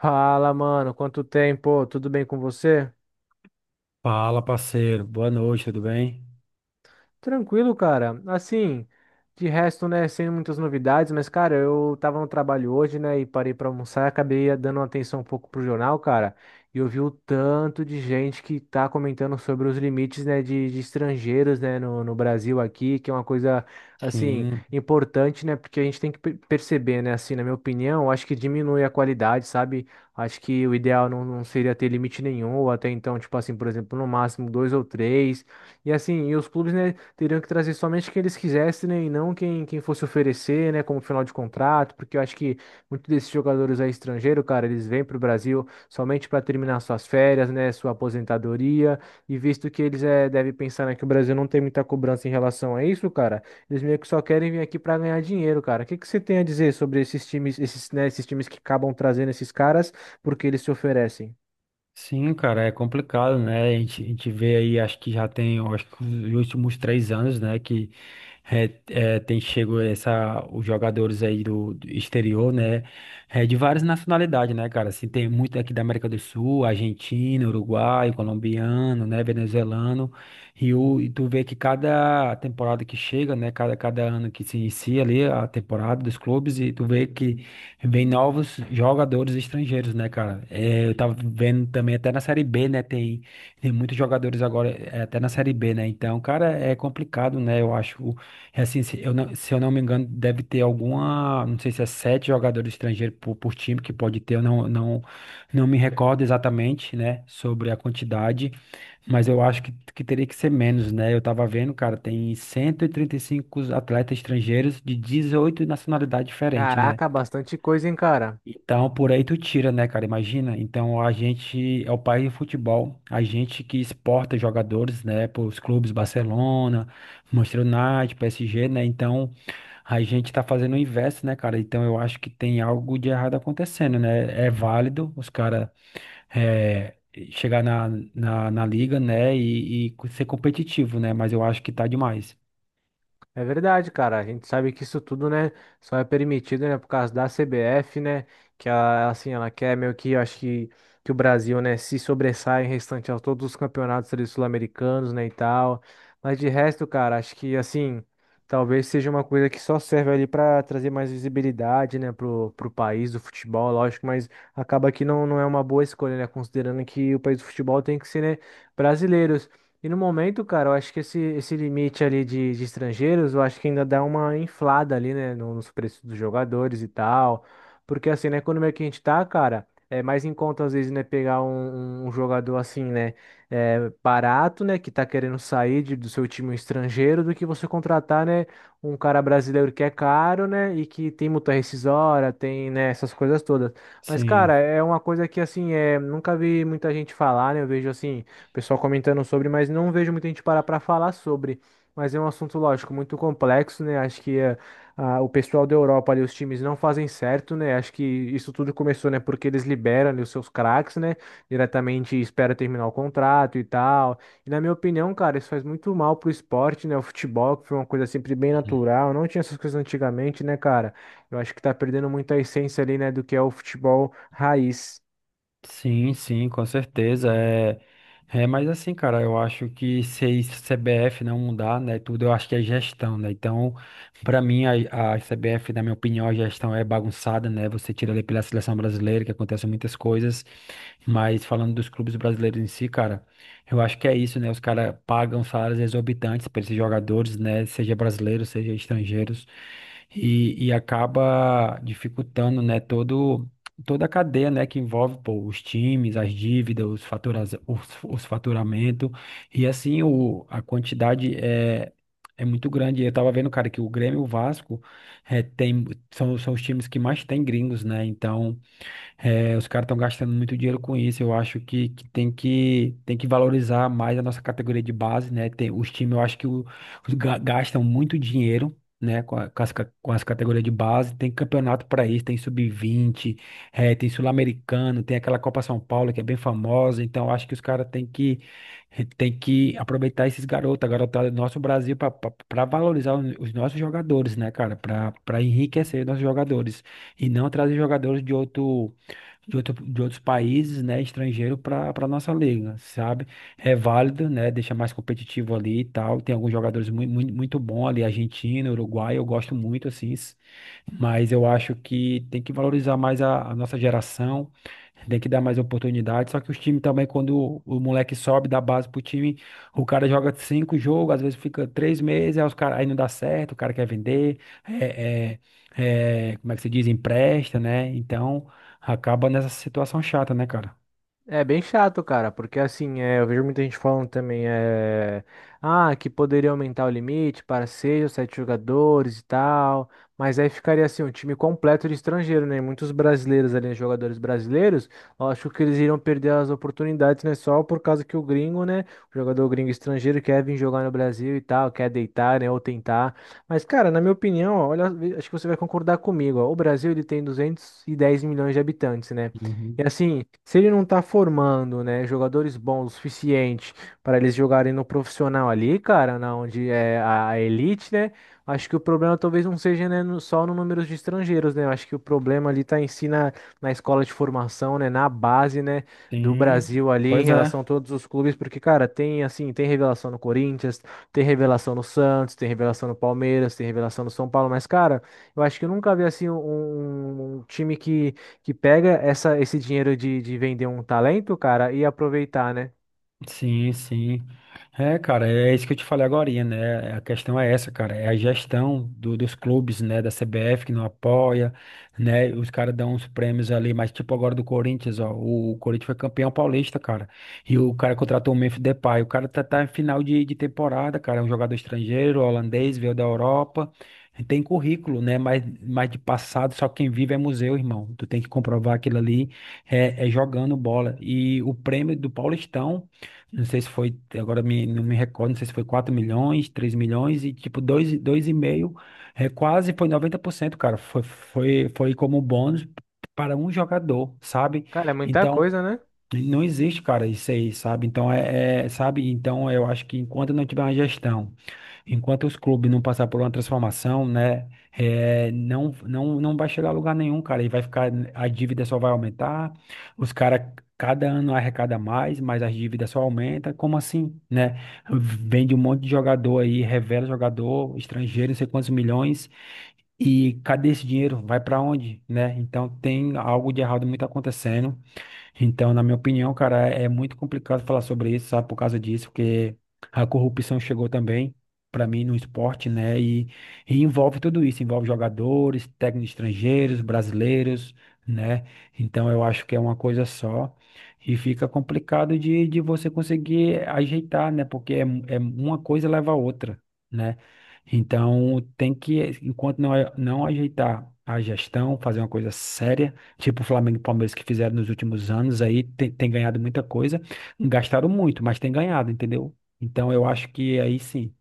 Fala, mano, quanto tempo? Tudo bem com você? Fala, parceiro. Boa noite, tudo bem? Tranquilo, cara. Assim, de resto, né, sem muitas novidades, mas, cara, eu tava no trabalho hoje, né, e parei pra almoçar, e acabei dando uma atenção um pouco pro jornal, cara, e eu vi o tanto de gente que tá comentando sobre os limites, né, de estrangeiros, né, no Brasil aqui, que é uma coisa, assim, Sim, importante, né, porque a gente tem que perceber, né, assim, na minha opinião, eu acho que diminui a qualidade, sabe? Acho que o ideal não seria ter limite nenhum, ou até então, tipo assim, por exemplo, no máximo dois ou três. E assim, e os clubes, né, teriam que trazer somente quem eles quisessem, né? E não quem fosse oferecer, né? Como final de contrato, porque eu acho que muitos desses jogadores aí estrangeiros, cara, eles vêm para o Brasil somente para terminar suas férias, né? Sua aposentadoria. E visto que eles devem pensar, né, que o Brasil não tem muita cobrança em relação a isso, cara, eles meio que só querem vir aqui para ganhar dinheiro, cara. O que que você tem a dizer sobre esses times, esses, né, esses times que acabam trazendo esses caras porque eles se oferecem? sim, cara, é complicado, né? A gente vê aí, acho que já tem, eu acho que os últimos 3 anos, né, que é, é, tem chego essa, os jogadores aí do exterior, né, é, de várias nacionalidades, né, cara? Assim, tem muito aqui da América do Sul, argentino, uruguaio, colombiano, né, venezuelano, e tu vê que cada temporada que chega, né, cada ano que se inicia ali a temporada dos clubes, e tu vê que vem novos jogadores estrangeiros, né, cara? É, eu tava vendo também até na Série B, né? Tem muitos jogadores agora, é, até na Série B, né? Então, cara, é complicado, né? Eu acho, é assim, se eu não me engano, deve ter alguma, não sei se é sete jogadores estrangeiros por time que pode ter, eu não me recordo exatamente, né, sobre a quantidade, mas eu acho que teria que ser menos, né? Eu tava vendo, cara, tem cento e trinta e cinco atletas estrangeiros de 18 nacionalidades diferentes, né? Caraca, bastante coisa, hein, cara? Então, por aí tu tira, né, cara? Imagina. Então, a gente é o país do futebol, a gente que exporta jogadores, né, para os clubes Barcelona, Manchester United, PSG, né? Então, a gente tá fazendo o inverso, né, cara? Então, eu acho que tem algo de errado acontecendo, né? É válido os caras é, chegar na liga, né, e ser competitivo, né? Mas eu acho que tá demais. É verdade, cara. A gente sabe que isso tudo, né, só é permitido, né, por causa da CBF, né, que ela, assim, ela quer meio que, eu acho que o Brasil, né, se sobressaia em restante a todos os campeonatos ali sul-americanos, né, e tal. Mas de resto, cara, acho que, assim, talvez seja uma coisa que só serve ali para trazer mais visibilidade, né, pro país do futebol, lógico, mas acaba que não é uma boa escolha, né, considerando que o país do futebol tem que ser, né, brasileiro. E no momento, cara, eu acho que esse limite ali de estrangeiros, eu acho que ainda dá uma inflada ali, né, nos preços dos jogadores e tal. Porque assim, né, na economia que a gente tá, cara, é mais em conta às vezes, né, pegar um jogador assim, né, barato, né, que tá querendo sair do seu time um estrangeiro, do que você contratar, né, um cara brasileiro que é caro, né, e que tem multa rescisória, tem, né, essas coisas todas. Mas, cara, Sim. é uma coisa que assim, nunca vi muita gente falar, né, eu vejo assim pessoal comentando sobre, mas não vejo muita gente parar para falar sobre. Mas é um assunto, lógico, muito complexo, né? Acho que ah, o pessoal da Europa ali, os times não fazem certo, né? Acho que isso tudo começou, né? Porque eles liberam ali os seus craques, né? Diretamente e espera terminar o contrato e tal. E na minha opinião, cara, isso faz muito mal pro esporte, né? O futebol, que foi uma coisa sempre bem natural, não tinha essas coisas antigamente, né, cara? Eu acho que tá perdendo muito a essência ali, né, do que é o futebol raiz. Sim, sim, com certeza. É, mas assim, cara, eu acho que se a CBF não mudar, né, tudo, eu acho que é gestão, né? Então, para mim, a CBF, na minha opinião, a gestão é bagunçada, né? Você tira ali pela seleção brasileira, que acontecem muitas coisas, mas falando dos clubes brasileiros em si, cara, eu acho que é isso, né? Os caras pagam salários exorbitantes para esses jogadores, né? Seja brasileiros, seja estrangeiros, e acaba dificultando, né, todo toda a cadeia, né, que envolve, pô, os times, as dívidas, os faturas, os faturamento e assim a quantidade é muito grande. Eu tava vendo, cara, que o Grêmio e o Vasco é, tem, são os times que mais tem gringos, né? Então os caras estão gastando muito dinheiro com isso. Eu acho que tem que valorizar mais a nossa categoria de base, né? Tem, os times, eu acho que os gastam muito dinheiro, né? Com, a- com as, ca- com as categorias de base. Tem campeonato para isso, tem sub-20 tem sul-americano, tem aquela Copa São Paulo que é bem famosa. Então, eu acho que os caras têm que aproveitar esses garotos, a garotada do nosso Brasil para valorizar os nossos jogadores, né, cara? Para enriquecer os nossos jogadores e não trazer jogadores de outro de outros países, né, estrangeiro para nossa liga, sabe? É válido, né? Deixa mais competitivo ali e tal. Tem alguns jogadores muito, muito, muito bons ali, Argentina, Uruguai, eu gosto muito assim, mas eu acho que tem que valorizar mais a nossa geração. Tem que dar mais oportunidade. Só que os times também, quando moleque sobe da base pro time, o cara joga cinco jogos, às vezes fica 3 meses, aí, os cara, aí não dá certo, o cara quer vender, é, como é que se diz? Empresta, né? Então acaba nessa situação chata, né, cara? É bem chato, cara, porque assim, eu vejo muita gente falando também, ah, que poderia aumentar o limite para seis ou sete jogadores e tal, mas aí ficaria assim, um time completo de estrangeiro, né? Muitos brasileiros ali, né, jogadores brasileiros, eu acho que eles iriam perder as oportunidades, né? Só por causa que o gringo, né? O jogador gringo estrangeiro quer vir jogar no Brasil e tal, quer deitar, né? Ou tentar. Mas, cara, na minha opinião, ó, olha, acho que você vai concordar comigo, ó, o Brasil ele tem 210 milhões de habitantes, né? Uhum. E assim, se ele não tá formando, né, jogadores bons o suficiente para eles jogarem no profissional ali, cara, na onde é a elite, né? Acho que o problema talvez não seja, né, só no número de estrangeiros, né? Eu acho que o problema ali tá em si na, escola de formação, né, na base, né, do Sim, Brasil ali em pois é. relação a todos os clubes, porque, cara, tem assim, tem revelação no Corinthians, tem revelação no Santos, tem revelação no Palmeiras, tem revelação no São Paulo, mas, cara, eu acho que eu nunca vi assim um um time que pega essa, esse dinheiro de vender um talento, cara, e aproveitar, né? Sim, sim. É, cara, é isso que eu te falei agorinha, né? A questão é essa, cara. É a gestão dos clubes, né? Da CBF que não apoia, né? Os caras dão uns prêmios ali, mas tipo agora do Corinthians, ó. O Corinthians foi campeão paulista, cara. E o cara contratou o Memphis Depay. O cara tá em final de temporada, cara. É um jogador estrangeiro, holandês, veio da Europa. Tem currículo, né? Mas de passado, só quem vive é museu, irmão. Tu tem que comprovar aquilo ali é jogando bola. E o prêmio do Paulistão. Não sei se foi, não me recordo, não sei se foi 4 milhões, 3 milhões e tipo dois 2,5 quase foi 90%, cara. Foi como bônus para um jogador, sabe? Cara, é muita Então, coisa, né? não existe, cara, isso aí, sabe? Então, sabe? Então, eu acho que enquanto não tiver uma gestão. Enquanto os clubes não passar por uma transformação, né, não, não, não vai chegar a lugar nenhum, cara. E vai ficar, a dívida só vai aumentar. Os caras, cada ano arrecada mais, mas as dívidas só aumenta. Como assim, né? Vende um monte de jogador aí, revela jogador estrangeiro, não sei quantos milhões. E cadê esse dinheiro? Vai para onde, né? Então tem algo de errado muito acontecendo. Então, na minha opinião, cara, é muito complicado falar sobre isso, sabe, por causa disso, porque a corrupção chegou também, para mim, no esporte, né? E envolve tudo isso, envolve jogadores, técnicos estrangeiros, brasileiros, né? Então, eu acho que é uma coisa só. E fica complicado de você conseguir ajeitar, né? Porque é uma coisa leva a outra, né? Então, enquanto não, não ajeitar a gestão, fazer uma coisa séria. Tipo o Flamengo e o Palmeiras que fizeram nos últimos anos aí, tem ganhado muita coisa. Gastaram muito, mas tem ganhado, entendeu? Então eu acho que aí sim.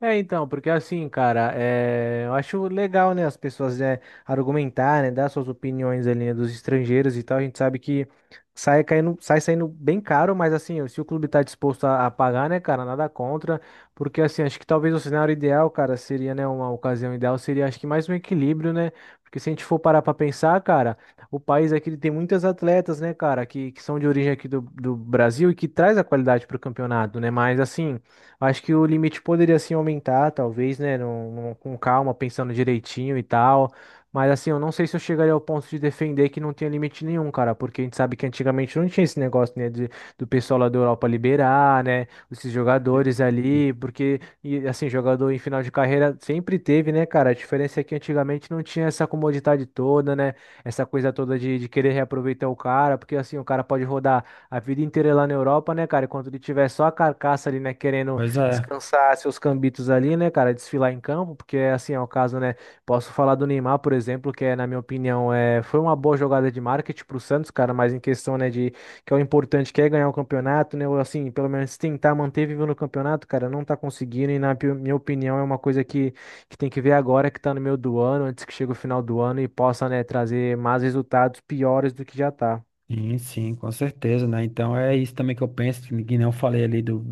É, então, porque assim, cara, eu acho legal, né, as pessoas argumentar, né, dar suas opiniões ali, né, dos estrangeiros e tal. A gente sabe que sai caindo, sai saindo bem caro, mas assim, se o clube tá disposto a pagar, né, cara, nada contra, porque assim, acho que talvez o cenário ideal, cara, seria, né, uma ocasião ideal seria, acho que mais um equilíbrio, né, porque se a gente for parar pra pensar, cara, o país aqui ele tem muitas atletas, né, cara, que são de origem aqui do Brasil e que traz a qualidade pro campeonato, né, mas assim. Acho que o limite poderia sim aumentar, talvez, né? Com calma, pensando direitinho e tal. Mas assim, eu não sei se eu chegaria ao ponto de defender que não tinha limite nenhum, cara, porque a gente sabe que antigamente não tinha esse negócio, né, de, do pessoal lá da Europa liberar, né, esses jogadores ali, porque, e, assim, jogador em final de carreira sempre teve, né, cara, a diferença é que antigamente não tinha essa comodidade toda, né, essa coisa toda de querer reaproveitar o cara, porque, assim, o cara pode rodar a vida inteira lá na Europa, né, cara, enquanto ele tiver só a carcaça ali, né, querendo Pois é, descansar seus cambitos ali, né, cara, desfilar em campo, porque assim é o caso, né? Posso falar do Neymar, por exemplo, que é, na minha opinião, foi uma boa jogada de marketing pro Santos, cara, mas em questão, né, de que é o importante que é ganhar o campeonato, né, ou assim, pelo menos tentar manter vivo no campeonato, cara, não tá conseguindo e na minha opinião é uma coisa que tem que ver agora que tá no meio do ano, antes que chegue o final do ano e possa, né, trazer mais resultados piores do que já tá. sim, sim, com certeza, né? Então é isso também que eu penso, que nem eu falei ali do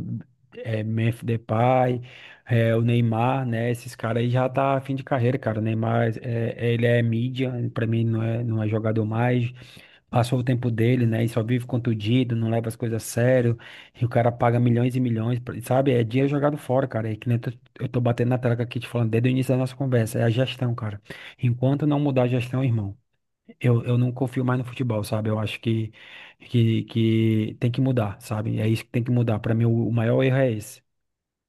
Memphis Depay, o Neymar, né? Esses caras aí já tá fim de carreira, cara. O Neymar, ele é mídia, pra mim não é, não é jogador mais. Passou o tempo dele, né? E só vive contundido, não leva as coisas a sério, e o cara paga milhões e milhões, sabe? É dinheiro jogado fora, cara. E que nem eu tô batendo na tecla aqui te falando desde o início da nossa conversa, é a gestão, cara. Enquanto não mudar a gestão, irmão, eu não confio mais no futebol, sabe? Eu acho que tem que mudar, sabe? É isso que tem que mudar. Pra mim, o maior erro é esse.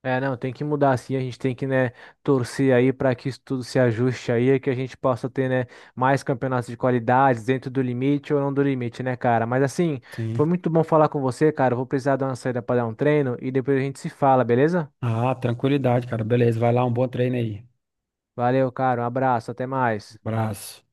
É, não, tem que mudar assim, a gente tem que, né, torcer aí para que isso tudo se ajuste aí, que a gente possa ter, né, mais campeonatos de qualidade dentro do limite ou não do limite, né, cara? Mas assim, foi Sim. muito bom falar com você, cara. Eu vou precisar dar uma saída para dar um treino e depois a gente se fala, beleza? Ah, tranquilidade, cara. Beleza, vai lá, um bom treino aí. Valeu, cara. Um abraço, até mais. Abraço.